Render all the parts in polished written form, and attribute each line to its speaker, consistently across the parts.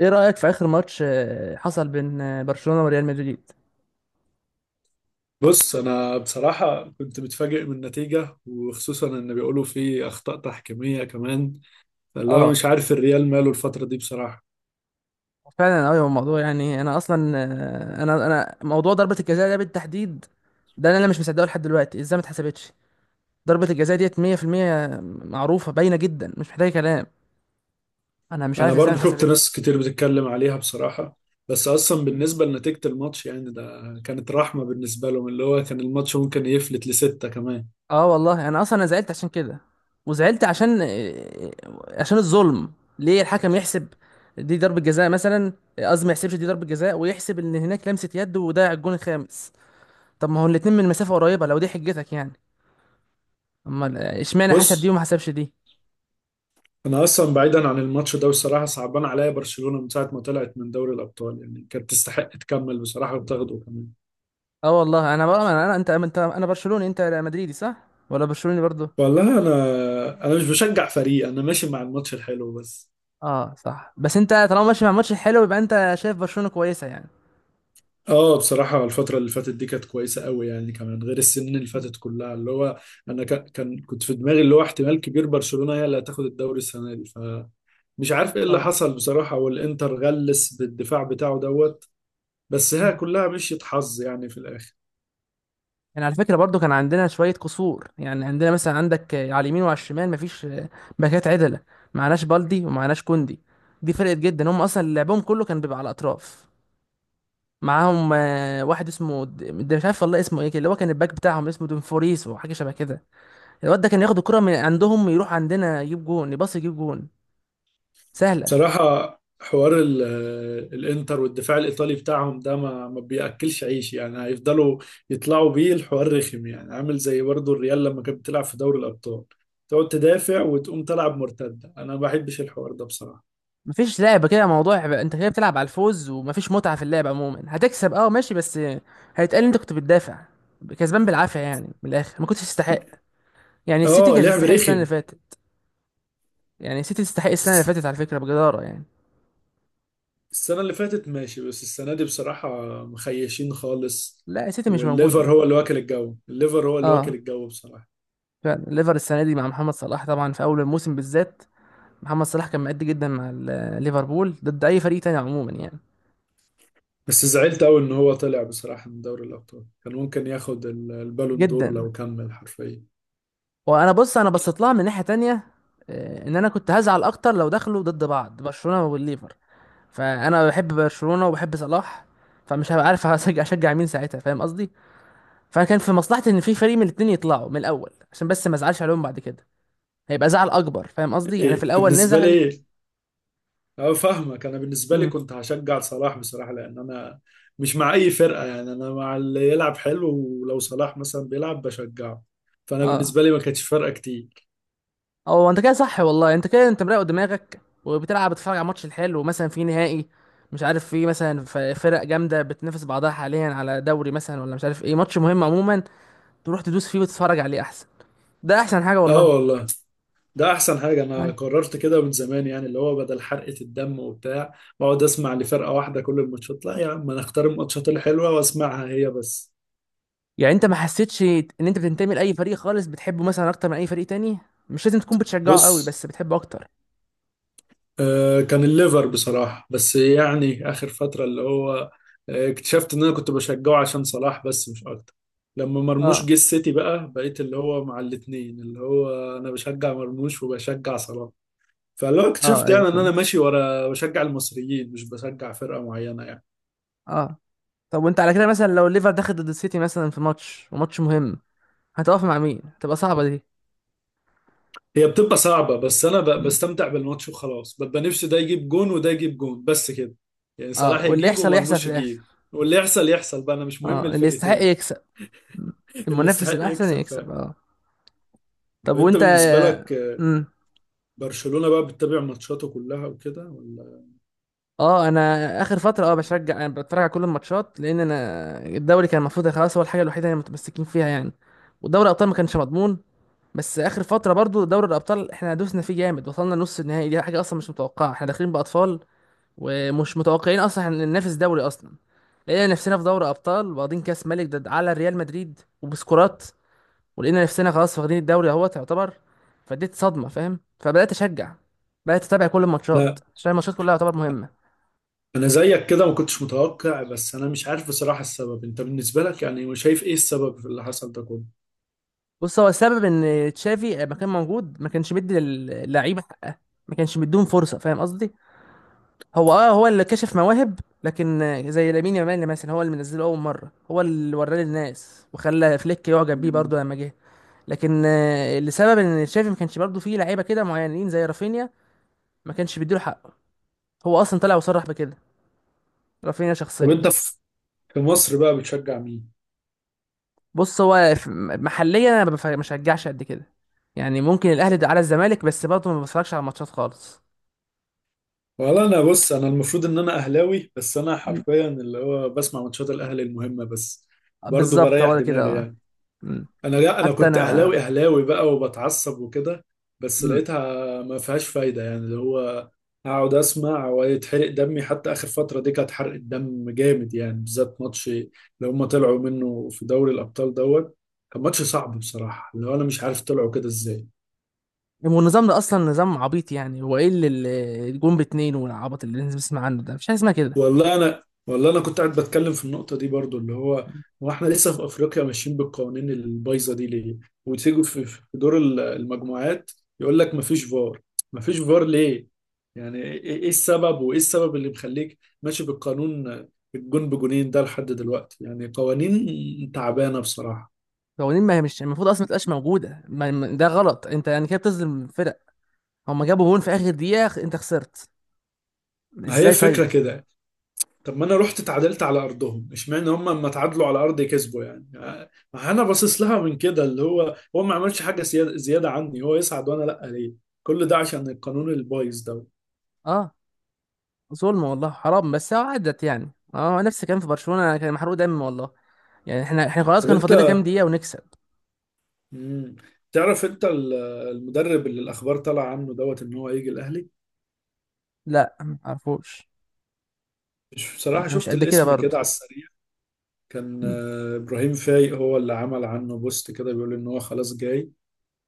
Speaker 1: ايه رأيك في اخر ماتش حصل بين برشلونة وريال مدريد؟
Speaker 2: بص، انا بصراحه كنت متفاجئ من النتيجه، وخصوصا ان بيقولوا في اخطاء تحكيميه كمان اللي هو
Speaker 1: اه،
Speaker 2: مش عارف الريال ماله الفتره دي بصراحه.
Speaker 1: فعلا قوي الموضوع يعني انا اصلا. انا موضوع ضربة الجزاء ده بالتحديد، ده انا مش مصدقه لحد دلوقتي ازاي ما اتحسبتش. ضربة الجزاء ديت 100%، معروفة باينة جدا مش محتاجة كلام. انا مش
Speaker 2: انا
Speaker 1: عارف ازاي ما
Speaker 2: برضو شفت
Speaker 1: اتحسبتش.
Speaker 2: ناس كتير بتتكلم عليها بصراحه، بس اصلا
Speaker 1: مم.
Speaker 2: بالنسبه لنتيجه الماتش يعني ده كانت رحمه بالنسبه لهم اللي هو كان الماتش ممكن يفلت لسته كمان.
Speaker 1: اه والله انا اصلا انا زعلت عشان كده، وزعلت عشان عشان الظلم. ليه الحكم يحسب دي ضربة جزاء مثلا، قصدي ما يحسبش دي ضربة جزاء ويحسب ان هناك لمسة يد وضيع الجون الخامس؟ طب ما هو الاتنين من مسافة قريبة لو دي حجتك يعني، امال اشمعنى حسب دي
Speaker 2: بص،
Speaker 1: وما حسبش دي.
Speaker 2: انا اصلا بعيدا عن الماتش ده بصراحه صعبان عليا برشلونه من ساعه ما طلعت من دوري الابطال، يعني كانت تستحق تكمل بصراحه وتاخده كمان.
Speaker 1: اه والله انا بقى انت انا برشلوني، انت مدريدي صح ولا برشلوني برضو؟
Speaker 2: والله انا مش بشجع فريق، انا ماشي مع الماتش الحلو بس.
Speaker 1: اه صح، بس انت طالما ماشي مع ماتش حلو يبقى انت شايف برشلونة كويسة يعني.
Speaker 2: اه، بصراحة الفترة اللي فاتت دي كانت كويسة قوي يعني، كمان غير السنين اللي فاتت كلها، اللي هو انا ك- كان كنت في دماغي اللي هو احتمال كبير برشلونة هي اللي هتاخد الدوري السنة دي، فمش عارف ايه اللي
Speaker 1: اه.
Speaker 2: حصل بصراحة، والانتر غلس بالدفاع بتاعه دوت. بس هي كلها مشيت حظ يعني في الاخر.
Speaker 1: يعني على فكرة برضو كان عندنا شوية قصور يعني، عندنا مثلا عندك على اليمين وعلى الشمال مفيش باكات عدلة، معناش بالدي ومعناش كوندي، دي فرقت جدا. هم اصلا لعبهم كله كان بيبقى على الاطراف. معاهم واحد اسمه ده مش عارف والله اسمه ايه كده، اللي هو كان الباك بتاعهم اسمه دونفوريس وحاجه شبه كده. الواد ده كان ياخد الكره من عندهم، يروح عندنا يجيب جون، يباص يجيب جون، سهله.
Speaker 2: بصراحة حوار الانتر والدفاع الإيطالي بتاعهم ده ما بيأكلش عيش، يعني هيفضلوا يطلعوا بيه الحوار رخم، يعني عامل زي برضو الريال لما كانت بتلعب في دوري الأبطال، تقعد تدافع وتقوم تلعب مرتدة. أنا ما بحبش الحوار ده بصراحة.
Speaker 1: مفيش لعبه كده موضوع بقى. انت كده بتلعب على الفوز ومفيش متعه في اللعب عموما. هتكسب اه ماشي، بس هيتقال انت كنت بتدافع، كسبان بالعافيه يعني. من الاخر ما كنتش تستحق. يعني السيتي
Speaker 2: اه،
Speaker 1: كانت
Speaker 2: لعب
Speaker 1: تستحق السنه
Speaker 2: رخم.
Speaker 1: اللي فاتت. يعني السيتي تستحق السنه اللي
Speaker 2: بس
Speaker 1: فاتت على فكره بجداره يعني.
Speaker 2: السنة اللي فاتت ماشي، بس السنة دي بصراحة مخيشين خالص.
Speaker 1: لا السيتي مش
Speaker 2: والليفر
Speaker 1: موجوده.
Speaker 2: هو اللي واكل الجو، الليفر هو اللي واكل
Speaker 1: اه
Speaker 2: الجو بصراحة.
Speaker 1: فعلا الليفر السنه دي مع محمد صلاح طبعا، في اول الموسم بالذات محمد صلاح كان مأدي جدا مع ليفربول ضد اي فريق تاني عموما يعني.
Speaker 2: بس زعلت أوي إن هو طلع بصراحة من دوري الأبطال، كان ممكن ياخد البالون دور
Speaker 1: جدا.
Speaker 2: لو كمل حرفيا.
Speaker 1: وانا بص انا بصيت لها من ناحيه تانية، ان انا كنت هزعل اكتر لو دخلوا ضد بعض برشلونه والليفر، فانا بحب برشلونه وبحب صلاح، فمش هبقى عارف هشجع اشجع مين ساعتها، فاهم قصدي؟ فكان في مصلحتي ان في فريق من الاتنين يطلعوا من الاول عشان بس ما ازعلش عليهم بعد كده. هيبقى زعل اكبر، فاهم قصدي يعني، في
Speaker 2: إيه
Speaker 1: الاول
Speaker 2: بالنسبة
Speaker 1: نزعل.
Speaker 2: لي؟ أه، فاهمك. أنا بالنسبة لي
Speaker 1: امم
Speaker 2: كنت هشجع صلاح بصراحة لأن أنا مش مع أي فرقة، يعني أنا مع اللي يلعب حلو. ولو صلاح مثلا بيلعب بشجعه، فأنا
Speaker 1: اه.
Speaker 2: بالنسبة لي ما كانتش فارقة كتير.
Speaker 1: هو انت كده صح والله، انت كده انت مراقب دماغك وبتلعب بتتفرج على ماتش الحلو، مثلا في نهائي مش عارف، في مثلا فرق جامده بتنافس بعضها حاليا على دوري مثلا ولا مش عارف ايه، ماتش مهم عموما تروح تدوس فيه وتتفرج عليه احسن. ده احسن حاجه
Speaker 2: أه
Speaker 1: والله.
Speaker 2: والله، ده أحسن حاجة. أنا
Speaker 1: أيوة.
Speaker 2: قررت كده من زمان، يعني اللي هو بدل حرقة الدم وبتاع بقعد أسمع لفرقة واحدة كل الماتشات. لا يا عم، أنا أختار الماتشات الحلوة وأسمعها هي بس.
Speaker 1: يعني انت ما حسيتش ان انت بتنتمي لاي فريق خالص بتحبه مثلا اكتر من اي فريق تاني؟ مش لازم تكون بتشجعه قوي
Speaker 2: بص،
Speaker 1: بس بتحبه اكتر.
Speaker 2: كان الليفر بصراحة بس، يعني آخر فترة اللي هو اكتشفت إن أنا كنت بشجعه عشان صلاح بس مش أكتر. لما مرموش
Speaker 1: اه.
Speaker 2: جه السيتي بقى، بقيت اللي هو مع الاتنين، اللي هو أنا بشجع مرموش وبشجع صلاح. فاللي هو
Speaker 1: اه
Speaker 2: اكتشفت
Speaker 1: ايوه
Speaker 2: يعني إن أنا
Speaker 1: فهمت.
Speaker 2: ماشي ورا بشجع المصريين، مش بشجع فرقة معينة يعني.
Speaker 1: اه. طب وانت على كده مثلا لو الليفر دخل ضد السيتي مثلا في ماتش، وماتش مهم، هتقف مع مين؟ هتبقى صعبه دي.
Speaker 2: هي بتبقى صعبة بس أنا بستمتع بالماتش وخلاص، ببقى نفسي ده يجيب جون وده يجيب جون بس كده، يعني
Speaker 1: اه
Speaker 2: صلاح
Speaker 1: واللي
Speaker 2: يجيب
Speaker 1: يحصل يحصل في
Speaker 2: ومرموش
Speaker 1: الاخر.
Speaker 2: يجيب. واللي يحصل يحصل بقى، أنا مش مهم
Speaker 1: اه اللي يستحق
Speaker 2: الفرقتين.
Speaker 1: يكسب.
Speaker 2: اللي
Speaker 1: المنافس
Speaker 2: يستحق
Speaker 1: الاحسن
Speaker 2: يكسب
Speaker 1: يكسب،
Speaker 2: فعلا.
Speaker 1: اه. طب
Speaker 2: طب انت
Speaker 1: وانت.
Speaker 2: بالنسبه لك،
Speaker 1: امم
Speaker 2: برشلونه بقى بتتابع ماتشاته كلها وكده ولا؟
Speaker 1: اه انا. اخر فتره اه بشجع، انا بتفرج على كل الماتشات، لان انا الدوري كان المفروض خلاص هو الحاجه الوحيده اللي متمسكين فيها يعني، ودوري الابطال ما كانش مضمون. بس اخر فتره برضو دوري الابطال احنا دوسنا فيه جامد وصلنا نص النهائي، دي حاجه اصلا مش متوقعه، احنا داخلين باطفال ومش متوقعين اصلا احنا ننافس دوري اصلا. لقينا نفسنا في دوري ابطال، واخدين كاس ملك ضد على ريال مدريد وبسكورات، ولقينا نفسنا خلاص واخدين الدوري اهوت يعتبر، فديت صدمه فاهم، فبدات اشجع، بدات اتابع كل الماتشات
Speaker 2: لا،
Speaker 1: عشان الماتشات كلها يعتبر مهمه.
Speaker 2: انا زيك كده ما كنتش متوقع، بس انا مش عارف بصراحه السبب. انت بالنسبه لك يعني شايف ايه السبب في اللي حصل ده كله؟
Speaker 1: بص هو السبب ان تشافي لما كان موجود ما كانش مدي للعيبه حقها، ما كانش مديهم فرصه فاهم قصدي. هو اه هو اللي كشف مواهب لكن زي لامين يامال مثلا هو اللي منزله اول مره، هو اللي وراه للناس وخلى فليك يعجب بيه
Speaker 2: مم.
Speaker 1: برضه لما جه. لكن لسبب ان تشافي ما كانش برضه فيه لعيبه كده معينين زي رافينيا ما كانش بيديله حقه، هو اصلا طلع وصرح بكده رافينيا
Speaker 2: طب
Speaker 1: شخصيا.
Speaker 2: انت في مصر بقى بتشجع مين؟
Speaker 1: بص هو محليا انا ما بشجعش قد كده، يعني ممكن الاهلي ده على الزمالك بس برضه ما بتفرجش على الماتشات خالص.
Speaker 2: والله انا، بص انا المفروض ان انا اهلاوي، بس انا
Speaker 1: مم.
Speaker 2: حرفيا اللي هو بسمع ماتشات الاهلي المهمه بس، برضه
Speaker 1: بالظبط
Speaker 2: بريح
Speaker 1: هو ده كده
Speaker 2: دماغي
Speaker 1: آه.
Speaker 2: يعني.
Speaker 1: مم.
Speaker 2: انا، لا انا
Speaker 1: حتى
Speaker 2: كنت اهلاوي
Speaker 1: انا.
Speaker 2: اهلاوي بقى وبتعصب وكده، بس
Speaker 1: مم.
Speaker 2: لقيتها ما فيهاش فايده، يعني اللي هو اقعد اسمع ويتحرق دمي. حتى اخر فتره دي كانت حرق الدم جامد، يعني بالذات ماتش اللي هم طلعوا منه في دوري الابطال دوت. كان ماتش صعب بصراحه، اللي هو انا مش عارف طلعوا كده ازاي.
Speaker 1: والنظام ده اصلا نظام عبيط يعني، هو ايه اللي اللي الجون باتنين والعبط اللي الناس بتسمع عنه ده؟ مفيش حاجه اسمها كده.
Speaker 2: والله انا كنت قاعد بتكلم في النقطه دي برضو، اللي هو احنا لسه في افريقيا ماشيين بالقوانين البايظه دي ليه؟ وتيجوا في دور المجموعات، يقول لك مفيش فار. مفيش فار ليه؟ يعني ايه؟ إيه السبب، وايه السبب اللي مخليك ماشي بالقانون الجون بجونين ده لحد دلوقتي؟ يعني قوانين تعبانه بصراحه.
Speaker 1: قوانين، ما هي مش المفروض اصلا ما تبقاش موجوده. ده غلط، انت يعني كده بتظلم فرق، هما جابوا جون في اخر دقيقه، انت خسرت
Speaker 2: هي
Speaker 1: ازاي
Speaker 2: فكره
Speaker 1: طيب؟
Speaker 2: كده، طب ما انا رحت اتعادلت على ارضهم، اشمعنى هم لما اتعادلوا على ارضي كسبوا يعني. ما انا باصص لها من كده اللي هو ما عملش حاجه زياده زياده عني، هو يصعد وانا لا، ليه؟ كل ده عشان القانون البايظ ده.
Speaker 1: اه ظلم والله حرام، بس هو عدت يعني. اه نفس الكلام في برشلونه، كان محروق دم والله. يعني احنا احنا خلاص
Speaker 2: طب
Speaker 1: كانوا
Speaker 2: انت،
Speaker 1: فاضل لنا كام دقيقة ونكسب.
Speaker 2: مم. تعرف انت المدرب اللي الاخبار طالعه عنه دوت ان هو هيجي الاهلي؟
Speaker 1: لا ما عرفوش.
Speaker 2: مش بصراحه،
Speaker 1: انا مش
Speaker 2: شفت
Speaker 1: قد كده
Speaker 2: الاسم كده
Speaker 1: برضه.
Speaker 2: على السريع، كان
Speaker 1: م-
Speaker 2: ابراهيم فايق هو اللي عمل عنه بوست كده بيقول ان هو خلاص جاي.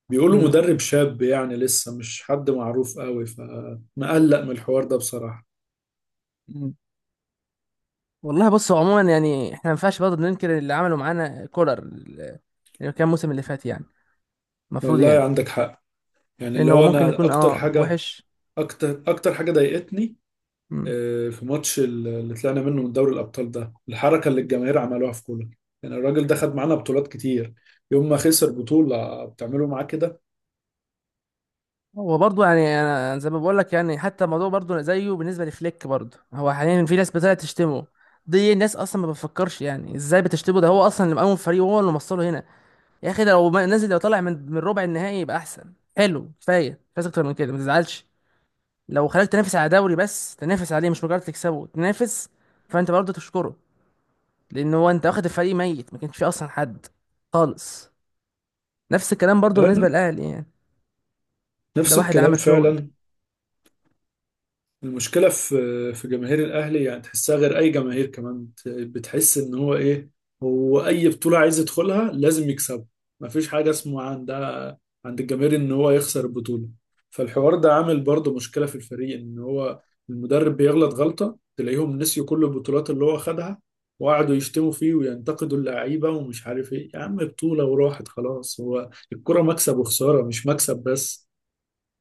Speaker 2: بيقولوا
Speaker 1: م-
Speaker 2: مدرب شاب يعني لسه مش حد معروف قوي، فمقلق من الحوار ده بصراحه.
Speaker 1: م. والله بص هو عموما يعني احنا ما ينفعش برضه ننكر اللي عملوا معانا كولر، اللي كان الموسم اللي فات يعني، المفروض
Speaker 2: والله
Speaker 1: يعني،
Speaker 2: عندك حق، يعني اللي
Speaker 1: لانه هو
Speaker 2: هو
Speaker 1: ممكن
Speaker 2: انا
Speaker 1: يكون
Speaker 2: اكتر
Speaker 1: اه
Speaker 2: حاجه
Speaker 1: وحش.
Speaker 2: اكتر اكتر حاجه ضايقتني،
Speaker 1: م.
Speaker 2: في ماتش اللي طلعنا منه من دوري الابطال ده، الحركه اللي الجماهير عملوها في كولر. يعني الراجل ده خد معانا بطولات كتير، يوم ما خسر بطوله بتعملوا معاه كده؟
Speaker 1: هو برضه يعني انا زي ما بقول لك يعني، حتى الموضوع برضه زيه بالنسبة لفليك برضه، هو حاليا في ناس بتطلع تشتمه. دي الناس اصلا ما بتفكرش يعني ازاي بتشتمه، ده هو اصلا اللي مقوم الفريق وهو اللي موصله هنا. يا اخي ده لو نازل، لو طالع من من ربع النهائي يبقى احسن، حلو كفايه مش عايز اكتر من كده، ما تزعلش. لو خلاك تنافس على دوري، بس تنافس عليه مش مجرد تكسبه، تنافس، فانت برضه تشكره. لان هو انت واخد الفريق ميت، ما كانش فيه اصلا حد خالص. نفس الكلام برضه بالنسبه
Speaker 2: انا
Speaker 1: للاهلي يعني، ده
Speaker 2: نفس
Speaker 1: واحد
Speaker 2: الكلام
Speaker 1: عمل شغل.
Speaker 2: فعلا. المشكله في جماهير الاهلي يعني، تحسها غير اي جماهير كمان بتحس ان هو ايه، هو اي بطوله عايز يدخلها لازم يكسبها، مفيش حاجه اسمها عند الجماهير ان هو يخسر البطوله. فالحوار ده عامل برضه مشكله في الفريق، ان هو المدرب بيغلط غلطه تلاقيهم نسيوا كل البطولات اللي هو خدها، وقعدوا يشتموا فيه وينتقدوا اللعيبه ومش عارف ايه. يا عم بطوله وراحت خلاص، هو الكره مكسب وخساره مش مكسب بس.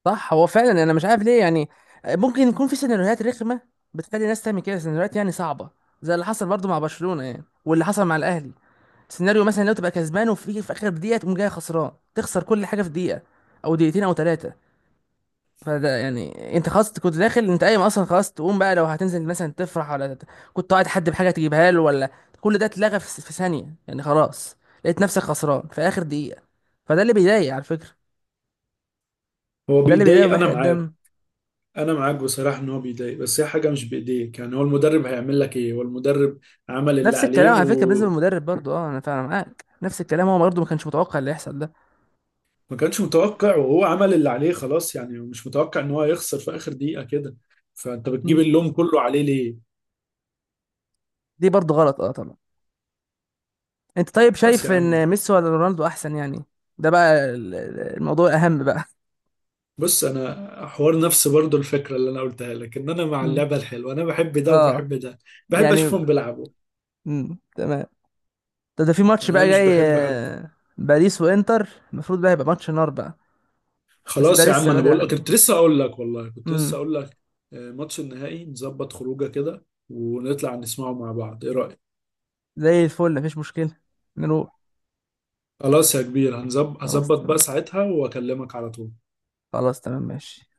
Speaker 1: صح، هو فعلا انا مش عارف ليه يعني. ممكن يكون في سيناريوهات رخمه بتخلي الناس تعمل كده، سيناريوهات يعني صعبه زي اللي حصل برضه مع برشلونه يعني، واللي حصل مع الاهلي. سيناريو مثلا لو تبقى كسبان، وفي في اخر دقيقه تقوم جاي خسران، تخسر كل حاجه في دقيقه او دقيقتين او ثلاثه، فده يعني انت خلاص كنت داخل، انت قايم اصلا خلاص تقوم بقى لو هتنزل مثلا تفرح ولا كنت قاعد حد بحاجه تجيبها له ولا، كل ده اتلغى في ثانيه يعني خلاص، لقيت نفسك خسران في اخر دقيقه. فده اللي بيضايق على فكره،
Speaker 2: هو
Speaker 1: ده اللي بيضايق
Speaker 2: بيضايق، انا
Speaker 1: وبيحرق
Speaker 2: معاك.
Speaker 1: الدم.
Speaker 2: انا معاك بصراحه ان هو بيضايق، بس هي حاجه مش بايديك يعني. هو المدرب هيعمل لك ايه؟ هو المدرب عمل اللي
Speaker 1: نفس
Speaker 2: عليه
Speaker 1: الكلام على فكره بالنسبه
Speaker 2: و...
Speaker 1: للمدرب برضه، اه انا فعلا معاك نفس الكلام، هو برضه ما كانش متوقع اللي يحصل ده.
Speaker 2: ما كانش متوقع، وهو عمل اللي عليه خلاص يعني. مش متوقع ان هو يخسر في اخر دقيقة كده، فانت بتجيب
Speaker 1: مم.
Speaker 2: اللوم كله عليه ليه؟
Speaker 1: دي برضه غلط اه طبعا. انت طيب
Speaker 2: بس
Speaker 1: شايف
Speaker 2: يا عم،
Speaker 1: ان ميسي ولا رونالدو احسن يعني؟ ده بقى الموضوع الاهم بقى.
Speaker 2: بص انا حوار نفسي برضو الفكرة اللي انا قلتها لك ان انا مع
Speaker 1: مم.
Speaker 2: اللعبة الحلوة، انا بحب ده
Speaker 1: اه.
Speaker 2: وبحب ده، بحب
Speaker 1: يعني.
Speaker 2: اشوفهم بيلعبوا.
Speaker 1: مم. تمام. ده في ماتش
Speaker 2: يعني انا
Speaker 1: بقى
Speaker 2: مش
Speaker 1: جاي
Speaker 2: بحب حد.
Speaker 1: باريس وانتر، المفروض بقى يبقى ماتش نار بقى. بس ده
Speaker 2: خلاص يا عم،
Speaker 1: لسه
Speaker 2: انا
Speaker 1: بدري
Speaker 2: بقول لك
Speaker 1: عليه.
Speaker 2: كنت لسه اقول لك، والله كنت لسه
Speaker 1: امم
Speaker 2: اقول لك، ماتش النهائي نظبط خروجه كده، ونطلع نسمعه مع بعض، ايه رأيك؟
Speaker 1: زي الفل مفيش مشكلة. نروح.
Speaker 2: خلاص يا كبير،
Speaker 1: خلاص
Speaker 2: هظبط بقى
Speaker 1: تمام.
Speaker 2: ساعتها واكلمك على طول.
Speaker 1: خلاص تمام ماشي.